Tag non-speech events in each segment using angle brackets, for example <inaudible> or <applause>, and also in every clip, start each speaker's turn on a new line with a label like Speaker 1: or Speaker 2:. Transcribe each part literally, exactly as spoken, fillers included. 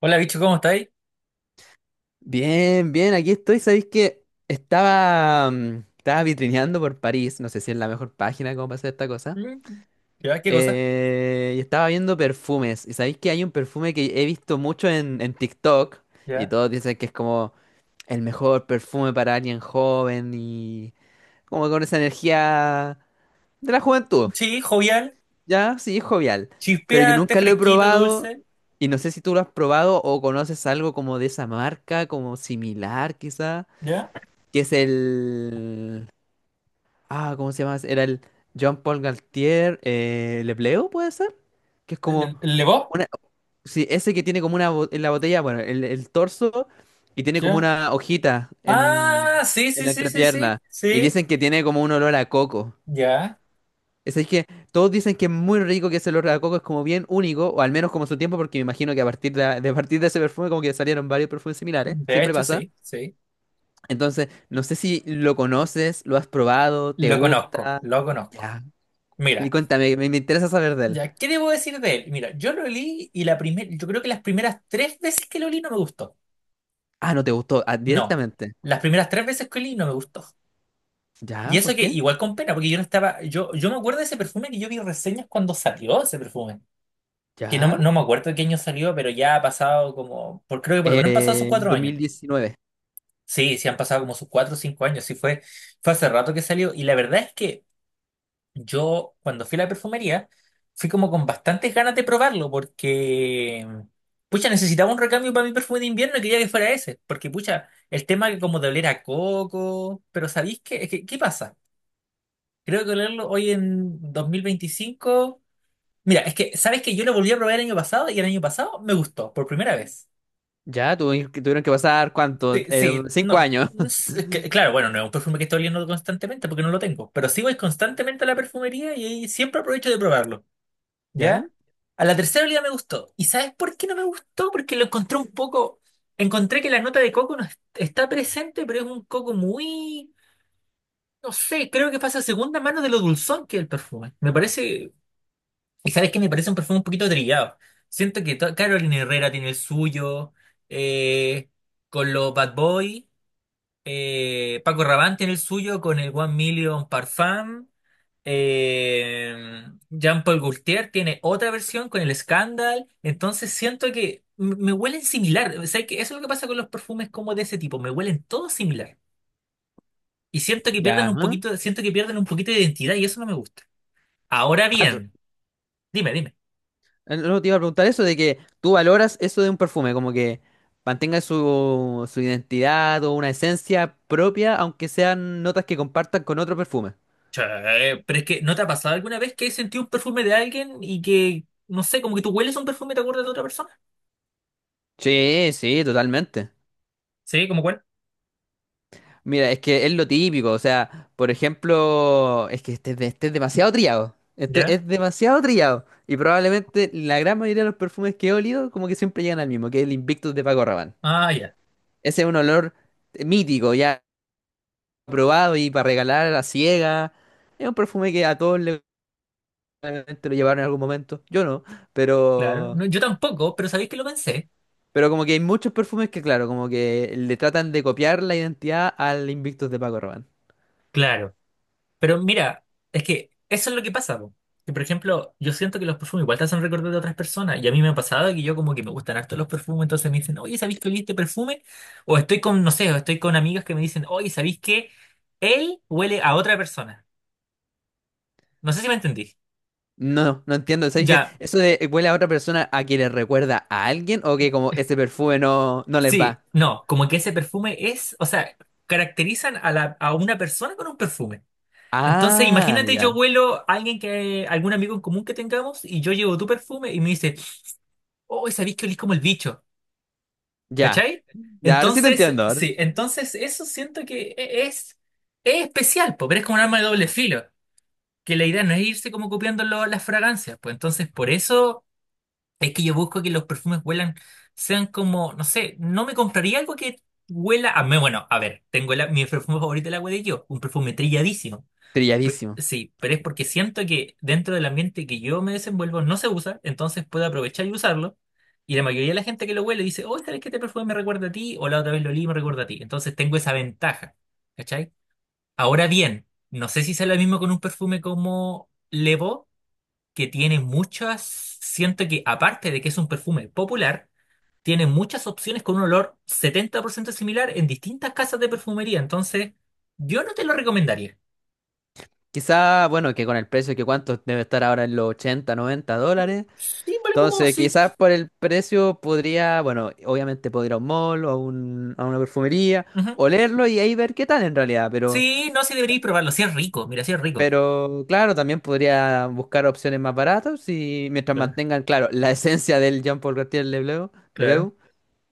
Speaker 1: Hola, bicho, ¿cómo estáis?
Speaker 2: Bien, bien, aquí estoy. Sabéis que estaba, mm, estaba vitrineando por París, no sé si es la mejor página como para hacer esta cosa.
Speaker 1: Mm. ¿Ya? ¿Qué cosa?
Speaker 2: Eh, y estaba viendo perfumes. Y sabéis que hay un perfume que he visto mucho en, en TikTok. Y
Speaker 1: ¿Ya?
Speaker 2: todos dicen que es como el mejor perfume para alguien joven y como con esa energía de la juventud.
Speaker 1: Sí, jovial,
Speaker 2: Ya, sí, jovial. Pero yo
Speaker 1: chispeante,
Speaker 2: nunca lo he
Speaker 1: fresquito,
Speaker 2: probado.
Speaker 1: dulce.
Speaker 2: Y no sé si tú lo has probado o conoces algo como de esa marca, como similar quizá.
Speaker 1: ¿Ya?
Speaker 2: Que es el... Ah, ¿cómo se llama? Era el Jean-Paul Galtier eh, Le, ¿puede ser? Que es como
Speaker 1: ¿El, el Lebo?
Speaker 2: una... Sí, ese que tiene como una... bo- En la botella, bueno, el, el torso y tiene como
Speaker 1: ¿Ya?
Speaker 2: una hojita en,
Speaker 1: Ah, sí,
Speaker 2: en
Speaker 1: sí,
Speaker 2: la
Speaker 1: sí, sí, sí,
Speaker 2: entrepierna. Y
Speaker 1: sí.
Speaker 2: dicen que tiene como un olor a coco.
Speaker 1: Ya,
Speaker 2: Es decir, que todos dicen que es muy rico, que ese olor a coco es como bien único, o al menos como su tiempo, porque me imagino que a partir de, de a partir de ese perfume como que salieron varios perfumes similares,
Speaker 1: de
Speaker 2: siempre
Speaker 1: hecho,
Speaker 2: pasa.
Speaker 1: sí, sí.
Speaker 2: Entonces, no sé si lo conoces, lo has probado, te
Speaker 1: Lo conozco,
Speaker 2: gusta.
Speaker 1: lo conozco.
Speaker 2: Ya. Y
Speaker 1: Mira,
Speaker 2: cuéntame, me, me interesa saber de él.
Speaker 1: ya, ¿qué debo decir de él? Mira, yo lo leí y la primera, yo creo que las primeras tres veces que lo leí no me gustó.
Speaker 2: Ah, no te gustó, ah,
Speaker 1: No,
Speaker 2: directamente.
Speaker 1: las primeras tres veces que leí no me gustó. Y
Speaker 2: Ya,
Speaker 1: eso
Speaker 2: ¿por
Speaker 1: que
Speaker 2: qué?
Speaker 1: igual con pena, porque yo no estaba, yo, yo me acuerdo de ese perfume que yo vi reseñas cuando salió ese perfume, que
Speaker 2: Ya.
Speaker 1: no, no me acuerdo de qué año salió, pero ya ha pasado como, por, creo que por lo menos han pasado sus
Speaker 2: Eh,
Speaker 1: cuatro años.
Speaker 2: dos mil diecinueve.
Speaker 1: Sí, sí han pasado como sus cuatro o cinco años, sí fue, fue hace rato que salió. Y la verdad es que yo cuando fui a la perfumería, fui como con bastantes ganas de probarlo, porque, pucha, necesitaba un recambio para mi perfume de invierno y quería que fuera ese, porque, pucha, el tema que como de oler a coco, pero ¿sabéis qué, Es que- qué pasa? Creo que olerlo hoy en dos mil veinticinco. Mira, es que, ¿sabes que yo lo volví a probar el año pasado y el año pasado me gustó por primera vez?
Speaker 2: Ya, tuvieron que tuvieron que pasar cuánto?
Speaker 1: Sí,
Speaker 2: Eh,
Speaker 1: sí,
Speaker 2: cinco
Speaker 1: no.
Speaker 2: años.
Speaker 1: no
Speaker 2: <laughs>
Speaker 1: que- Claro, bueno, no es un perfume que estoy oliendo constantemente porque no lo tengo, pero sí voy constantemente a la perfumería y ahí siempre aprovecho de probarlo.
Speaker 2: ¿Ya?
Speaker 1: ¿Ya? A la tercera olía me gustó. ¿Y sabes por qué no me gustó? Porque lo encontré un poco. Encontré que la nota de coco no es- está presente, pero es un coco muy. No sé, creo que pasa a segunda mano de lo dulzón que es el perfume. Me parece. ¿Y sabes qué? Me parece un perfume un poquito trillado. Siento que to- Carolina Herrera tiene el suyo. eh, con los Bad Boy, eh, Paco Rabanne tiene el suyo con el One Million Parfum. Eh, Jean-Paul Gaultier tiene otra versión con el Scandal. Entonces siento que m- me huelen similar. O sea, que eso es lo que pasa con los perfumes como de ese tipo. Me huelen todos similar. Y siento que
Speaker 2: Ya.
Speaker 1: pierden un
Speaker 2: Ajá.
Speaker 1: poquito, siento que pierden un poquito de identidad y eso no me gusta. Ahora
Speaker 2: Ah, tú-
Speaker 1: bien, dime, dime.
Speaker 2: eh, no te iba a preguntar eso de que tú valoras eso de un perfume, como que mantenga su, su identidad o una esencia propia, aunque sean notas que compartan con otro perfume.
Speaker 1: Che, pero es que ¿no te ha pasado alguna vez que has sentido un perfume de alguien y que, no sé, como que tú hueles un perfume y te acuerdas de otra persona?
Speaker 2: Sí, sí, totalmente.
Speaker 1: Sí, ¿como cuál?
Speaker 2: Mira, es que es lo típico, o sea, por ejemplo, es que este, es de- este es demasiado trillado, este
Speaker 1: ¿Ya?
Speaker 2: es demasiado trillado, y probablemente la gran mayoría de los perfumes que he olido como que siempre llegan al mismo, que es el Invictus de Paco Rabanne.
Speaker 1: Ah, ya.
Speaker 2: Ese es un olor mítico, ya probado y para regalar a la ciega, es un perfume que a todos le, probablemente lo llevaron en algún momento, yo no,
Speaker 1: Claro,
Speaker 2: pero,
Speaker 1: no, yo tampoco, pero sabéis que lo pensé.
Speaker 2: pero como que hay muchos perfumes que claro, como que le tratan de copiar la identidad al Invictus de Paco Rabanne.
Speaker 1: Claro, pero mira, es que eso es lo que pasa, po. Que, por ejemplo, yo siento que los perfumes igual te hacen recordar de otras personas. Y a mí me ha pasado que yo como que me gustan harto los perfumes, entonces me dicen, oye, ¿sabéis que olí este perfume? O estoy con, no sé, o estoy con amigas que me dicen, oye, ¿sabéis que él huele a otra persona? No sé si me entendí.
Speaker 2: No, no entiendo. ¿Sabes qué?
Speaker 1: Ya,
Speaker 2: Eso de eh, huele a otra persona, ¿a que le recuerda a alguien o que como ese perfume no, no les
Speaker 1: sí,
Speaker 2: va?
Speaker 1: no, como que ese perfume es, o sea, caracterizan a la, a una persona con un perfume. Entonces,
Speaker 2: Ah,
Speaker 1: imagínate, yo
Speaker 2: ya.
Speaker 1: huelo a alguien que, algún amigo en común que tengamos, y yo llevo tu perfume y me dice, oh, sabéis que olís como el bicho,
Speaker 2: Ya.
Speaker 1: ¿cachai?
Speaker 2: Ya, ahora sí te
Speaker 1: Entonces,
Speaker 2: entiendo. Ahora sí-
Speaker 1: sí, entonces eso siento que e- es, es especial, po, pero es como un arma de doble filo, que la idea no es irse como copiando lo- las fragancias, pues entonces por eso es que yo busco que los perfumes huelan, sean como, no sé, no me compraría algo que huela a mí, bueno, a ver, tengo la- mi perfume favorito, la huele yo, un perfume trilladísimo. Pe-
Speaker 2: trilladísimo.
Speaker 1: Sí, pero es porque siento que dentro del ambiente que yo me desenvuelvo no se usa, entonces puedo aprovechar y usarlo. Y la mayoría de la gente que lo huele dice, oh, esta vez que te perfume me recuerda a ti, o la otra vez lo olí y me recuerda a ti. Entonces tengo esa ventaja, ¿cachai? Ahora bien, no sé si sea lo mismo con un perfume como Levo, que tiene muchas, siento que aparte de que es un perfume popular, tiene muchas opciones con un olor setenta por ciento similar en distintas casas de perfumería. Entonces, yo no te lo recomendaría.
Speaker 2: Quizá, bueno, que con el precio que cuánto debe estar ahora en los ochenta, noventa dólares.
Speaker 1: Sí, vale, como
Speaker 2: Entonces,
Speaker 1: sí.
Speaker 2: quizás por el precio podría, bueno, obviamente podría ir a un mall o a, un- a una perfumería,
Speaker 1: Ujú.
Speaker 2: olerlo y ahí ver qué tal en realidad. Pero
Speaker 1: Sí, no, sí deberíais probarlo. Sí es rico, mira, sí es rico.
Speaker 2: Pero claro, también podría buscar opciones más baratas y mientras
Speaker 1: Claro,
Speaker 2: mantengan, claro, la esencia del Jean-Paul Gaultier Lebleu,
Speaker 1: claro.
Speaker 2: Lebeau,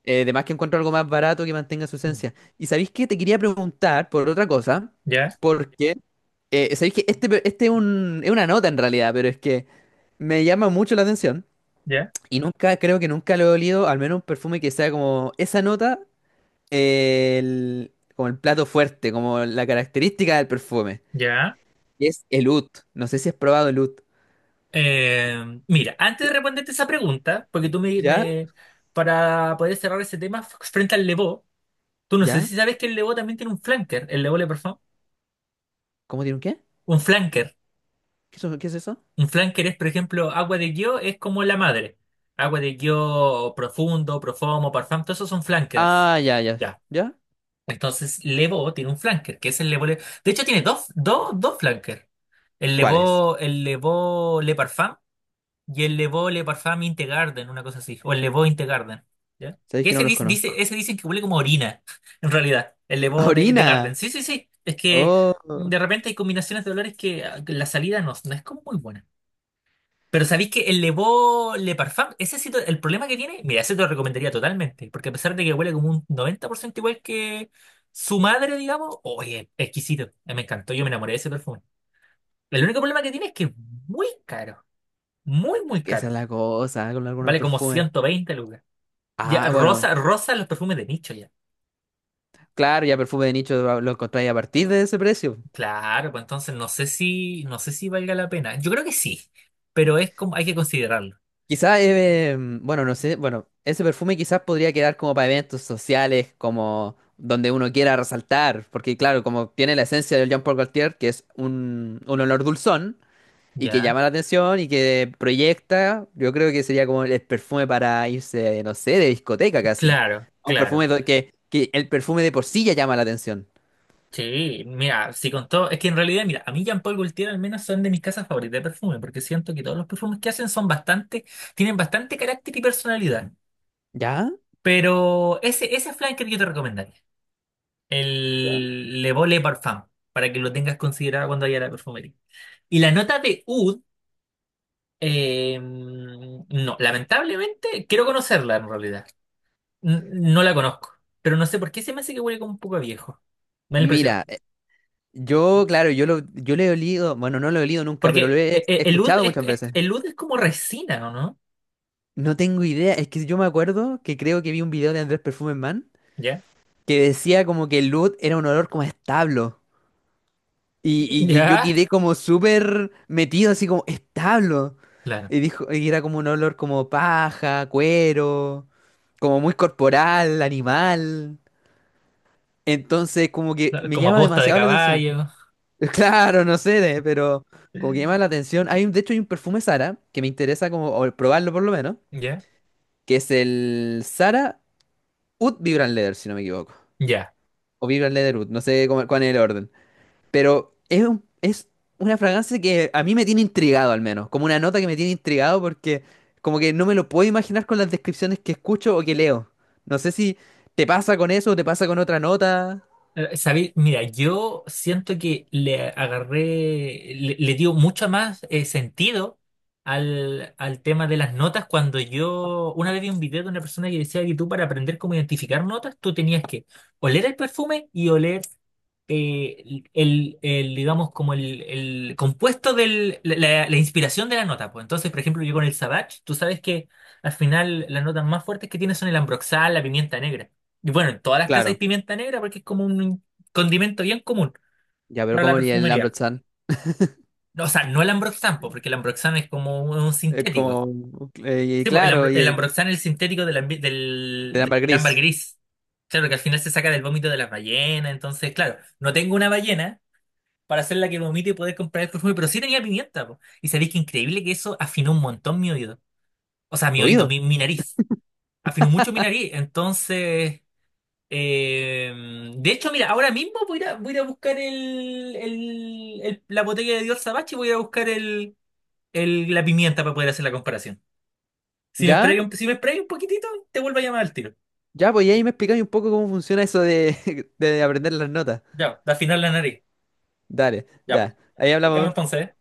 Speaker 2: eh, además que encuentro algo más barato que mantenga su esencia. ¿Y sabéis qué? Te quería preguntar por otra cosa,
Speaker 1: Ya,
Speaker 2: porque eh, sabéis que este, pe- este es un- es una nota en realidad, pero es que me llama mucho la atención
Speaker 1: ya,
Speaker 2: y nunca, creo que nunca lo he olido, al menos un perfume que sea como esa nota, eh, el- como el plato fuerte, como la característica del perfume,
Speaker 1: ya.
Speaker 2: que es el oud. No sé si has probado el oud.
Speaker 1: Eh, mira, antes de
Speaker 2: Sí,
Speaker 1: responderte esa pregunta, porque tú me,
Speaker 2: ¿ya?
Speaker 1: me- para poder cerrar ese tema f- frente al Levó, tú no sé
Speaker 2: ¿Ya?
Speaker 1: si sabes que el Levó también tiene un flanker, el Levó le Parfum,
Speaker 2: ¿Cómo tiene un qué?
Speaker 1: un flanker.
Speaker 2: ¿Qué, eso- qué es eso?
Speaker 1: Un flanker es, por ejemplo, agua de guio es como la madre. Agua de guio profundo, profumo, parfum, todos esos son flankers.
Speaker 2: Ah, ya, ya.
Speaker 1: Ya.
Speaker 2: ¿Ya?
Speaker 1: Entonces, Levó tiene un flanker, que es el Levó. Le- De hecho, tiene dos, dos, dos flankers. El
Speaker 2: ¿Cuáles?
Speaker 1: Levó, el Levó Le Parfum y el Levó Le Parfum Integarden, una cosa así. O el Levó Integarden. ¿Ya?
Speaker 2: Sabéis
Speaker 1: Que
Speaker 2: que no
Speaker 1: ese
Speaker 2: los
Speaker 1: dice,
Speaker 2: conozco.
Speaker 1: dice- ese dicen que huele como orina, <laughs> en realidad. El
Speaker 2: <laughs>
Speaker 1: Levó de, de
Speaker 2: ¡Orina!
Speaker 1: Garden. Sí, sí, sí. Es que
Speaker 2: Oh,
Speaker 1: de repente hay combinaciones de olores que ah, que la salida no, no es como muy buena. Pero sabéis que el Levó Le Parfum, ese sí, te- el problema que tiene, mira, ese te lo recomendaría totalmente. Porque a pesar de que huele como un noventa por ciento igual que su madre, digamos, oye, exquisito. Me encantó, yo me enamoré de ese perfume. El único problema que tiene es que es muy caro. Muy, muy
Speaker 2: que esa
Speaker 1: caro.
Speaker 2: es la cosa con algunos
Speaker 1: Vale como
Speaker 2: perfumes.
Speaker 1: ciento veinte lucas. Ya,
Speaker 2: Ah, bueno,
Speaker 1: rosa, rosa los perfumes de nicho ya.
Speaker 2: claro, ya perfume de nicho lo lo encontráis a partir de ese precio.
Speaker 1: Claro, pues entonces no sé si, no sé si valga la pena. Yo creo que sí, pero es como, hay que considerarlo.
Speaker 2: Quizás, eh, em, bueno, no sé, bueno, ese perfume quizás podría quedar como para eventos sociales, como donde uno quiera resaltar, porque claro, como tiene la esencia del Jean Paul Gaultier, que es un, un olor dulzón, y que
Speaker 1: Ya,
Speaker 2: llama la atención y que proyecta, yo creo que sería como el perfume para irse, no sé, de discoteca casi.
Speaker 1: claro,
Speaker 2: Un
Speaker 1: claro.
Speaker 2: perfume do- que, que el perfume de por sí ya llama la atención.
Speaker 1: Sí, mira, si con todo, es que en realidad, mira, a mí Jean-Paul Gaultier al menos son de mis casas favoritas de perfume, porque siento que todos los perfumes que hacen son bastante, tienen bastante carácter y personalidad.
Speaker 2: ¿Ya?
Speaker 1: Pero ese, ese flanker yo te recomendaría.
Speaker 2: Ya.
Speaker 1: El Le Beau Le Parfum, para que lo tengas considerado cuando vaya a la perfumería. Y la nota de oud, eh, no, lamentablemente, quiero conocerla en realidad. N- no la conozco, pero no sé por qué se me hace que huele como un poco a viejo. Me da la impresión.
Speaker 2: Mira, eh, yo, claro, yo lo, yo le he olido, bueno, no lo he olido nunca, pero lo
Speaker 1: Porque
Speaker 2: he
Speaker 1: eh, eh, el oud
Speaker 2: escuchado
Speaker 1: es,
Speaker 2: muchas
Speaker 1: es-
Speaker 2: veces.
Speaker 1: el oud es como resina, ¿o no?
Speaker 2: No tengo idea, es que yo me acuerdo que creo que vi un video de Andrés Perfume Man
Speaker 1: ¿Ya?
Speaker 2: que decía como que el Oud era un olor como a establo.
Speaker 1: <laughs>
Speaker 2: Y, y yo
Speaker 1: ¿Ya?
Speaker 2: quedé como súper metido, así como establo.
Speaker 1: Claro.
Speaker 2: Y dijo, y era como un olor como paja, cuero, como muy corporal, animal. Entonces, como que
Speaker 1: Claro,
Speaker 2: me
Speaker 1: como
Speaker 2: llama
Speaker 1: aposta de
Speaker 2: demasiado la atención.
Speaker 1: caballo.
Speaker 2: <laughs> Claro, no sé, de- pero como que llama la
Speaker 1: <laughs>
Speaker 2: atención. Hay un, de hecho, hay un perfume Sara que me interesa como o probarlo por lo menos,
Speaker 1: ¿Ya?
Speaker 2: que es el Sara Oud Vibrant Leather, si no me equivoco.
Speaker 1: ¿Ya?
Speaker 2: O Vibrant Leather Oud, no sé cómo- cuál es el orden. Pero es, un- es una fragancia que a mí me tiene intrigado al menos, como una nota que me tiene intrigado porque como que no me lo puedo imaginar con las descripciones que escucho o que leo. No sé si te pasa con eso o te pasa con otra nota.
Speaker 1: Eh, Sabéis, mira, yo siento que le agarré, le, le dio mucho más eh, sentido al, al tema de las notas cuando yo una vez vi un video de una persona que decía que tú para aprender cómo identificar notas, tú tenías que oler el perfume y oler eh, el, el, digamos, como el, el compuesto del, la, la- inspiración de la nota. Pues entonces, por ejemplo, yo con el Savage, tú sabes que al final las notas más fuertes que tiene son el ambroxal, la pimienta negra. Y bueno, en todas las casas hay
Speaker 2: Claro,
Speaker 1: pimienta negra porque es como un condimento bien común
Speaker 2: ya, pero
Speaker 1: para la
Speaker 2: como el
Speaker 1: perfumería.
Speaker 2: Lambert-Chan.
Speaker 1: O sea, no el ambroxan, po, porque el ambroxan es como un, un
Speaker 2: Es
Speaker 1: sintético.
Speaker 2: como, eh, y
Speaker 1: Sí, po, el,
Speaker 2: claro,
Speaker 1: ambro-
Speaker 2: y,
Speaker 1: el
Speaker 2: eh,
Speaker 1: ambroxan es el sintético del, ambi- del,
Speaker 2: de ámbar
Speaker 1: del ámbar
Speaker 2: gris.
Speaker 1: gris. Claro, que al final se saca del vómito de las ballenas. Entonces, claro, no tengo una ballena para hacerla que vomite y poder comprar el perfume, pero sí tenía pimienta, po. Y sabéis que increíble que eso afinó un montón mi oído. O sea, mi
Speaker 2: ¿Tu
Speaker 1: oído,
Speaker 2: oído?
Speaker 1: mi, mi nariz. Afinó mucho mi nariz. Entonces. Eh, de hecho, mira, ahora mismo voy a, ir a- voy a ir a buscar el, el- el- la botella de Dios Sabache y voy a buscar el, el- la pimienta para poder hacer la comparación. Si me
Speaker 2: ¿Ya?
Speaker 1: esperáis un, si me esperáis un poquitito, te vuelvo a llamar al tiro.
Speaker 2: Ya, pues y ahí me explicáis un poco cómo funciona eso de, <laughs> de aprender las notas.
Speaker 1: Ya, al final la nariz.
Speaker 2: Dale,
Speaker 1: Ya, pues.
Speaker 2: ya. Ahí
Speaker 1: Nos vemos
Speaker 2: hablamos.
Speaker 1: entonces. ¿Eh?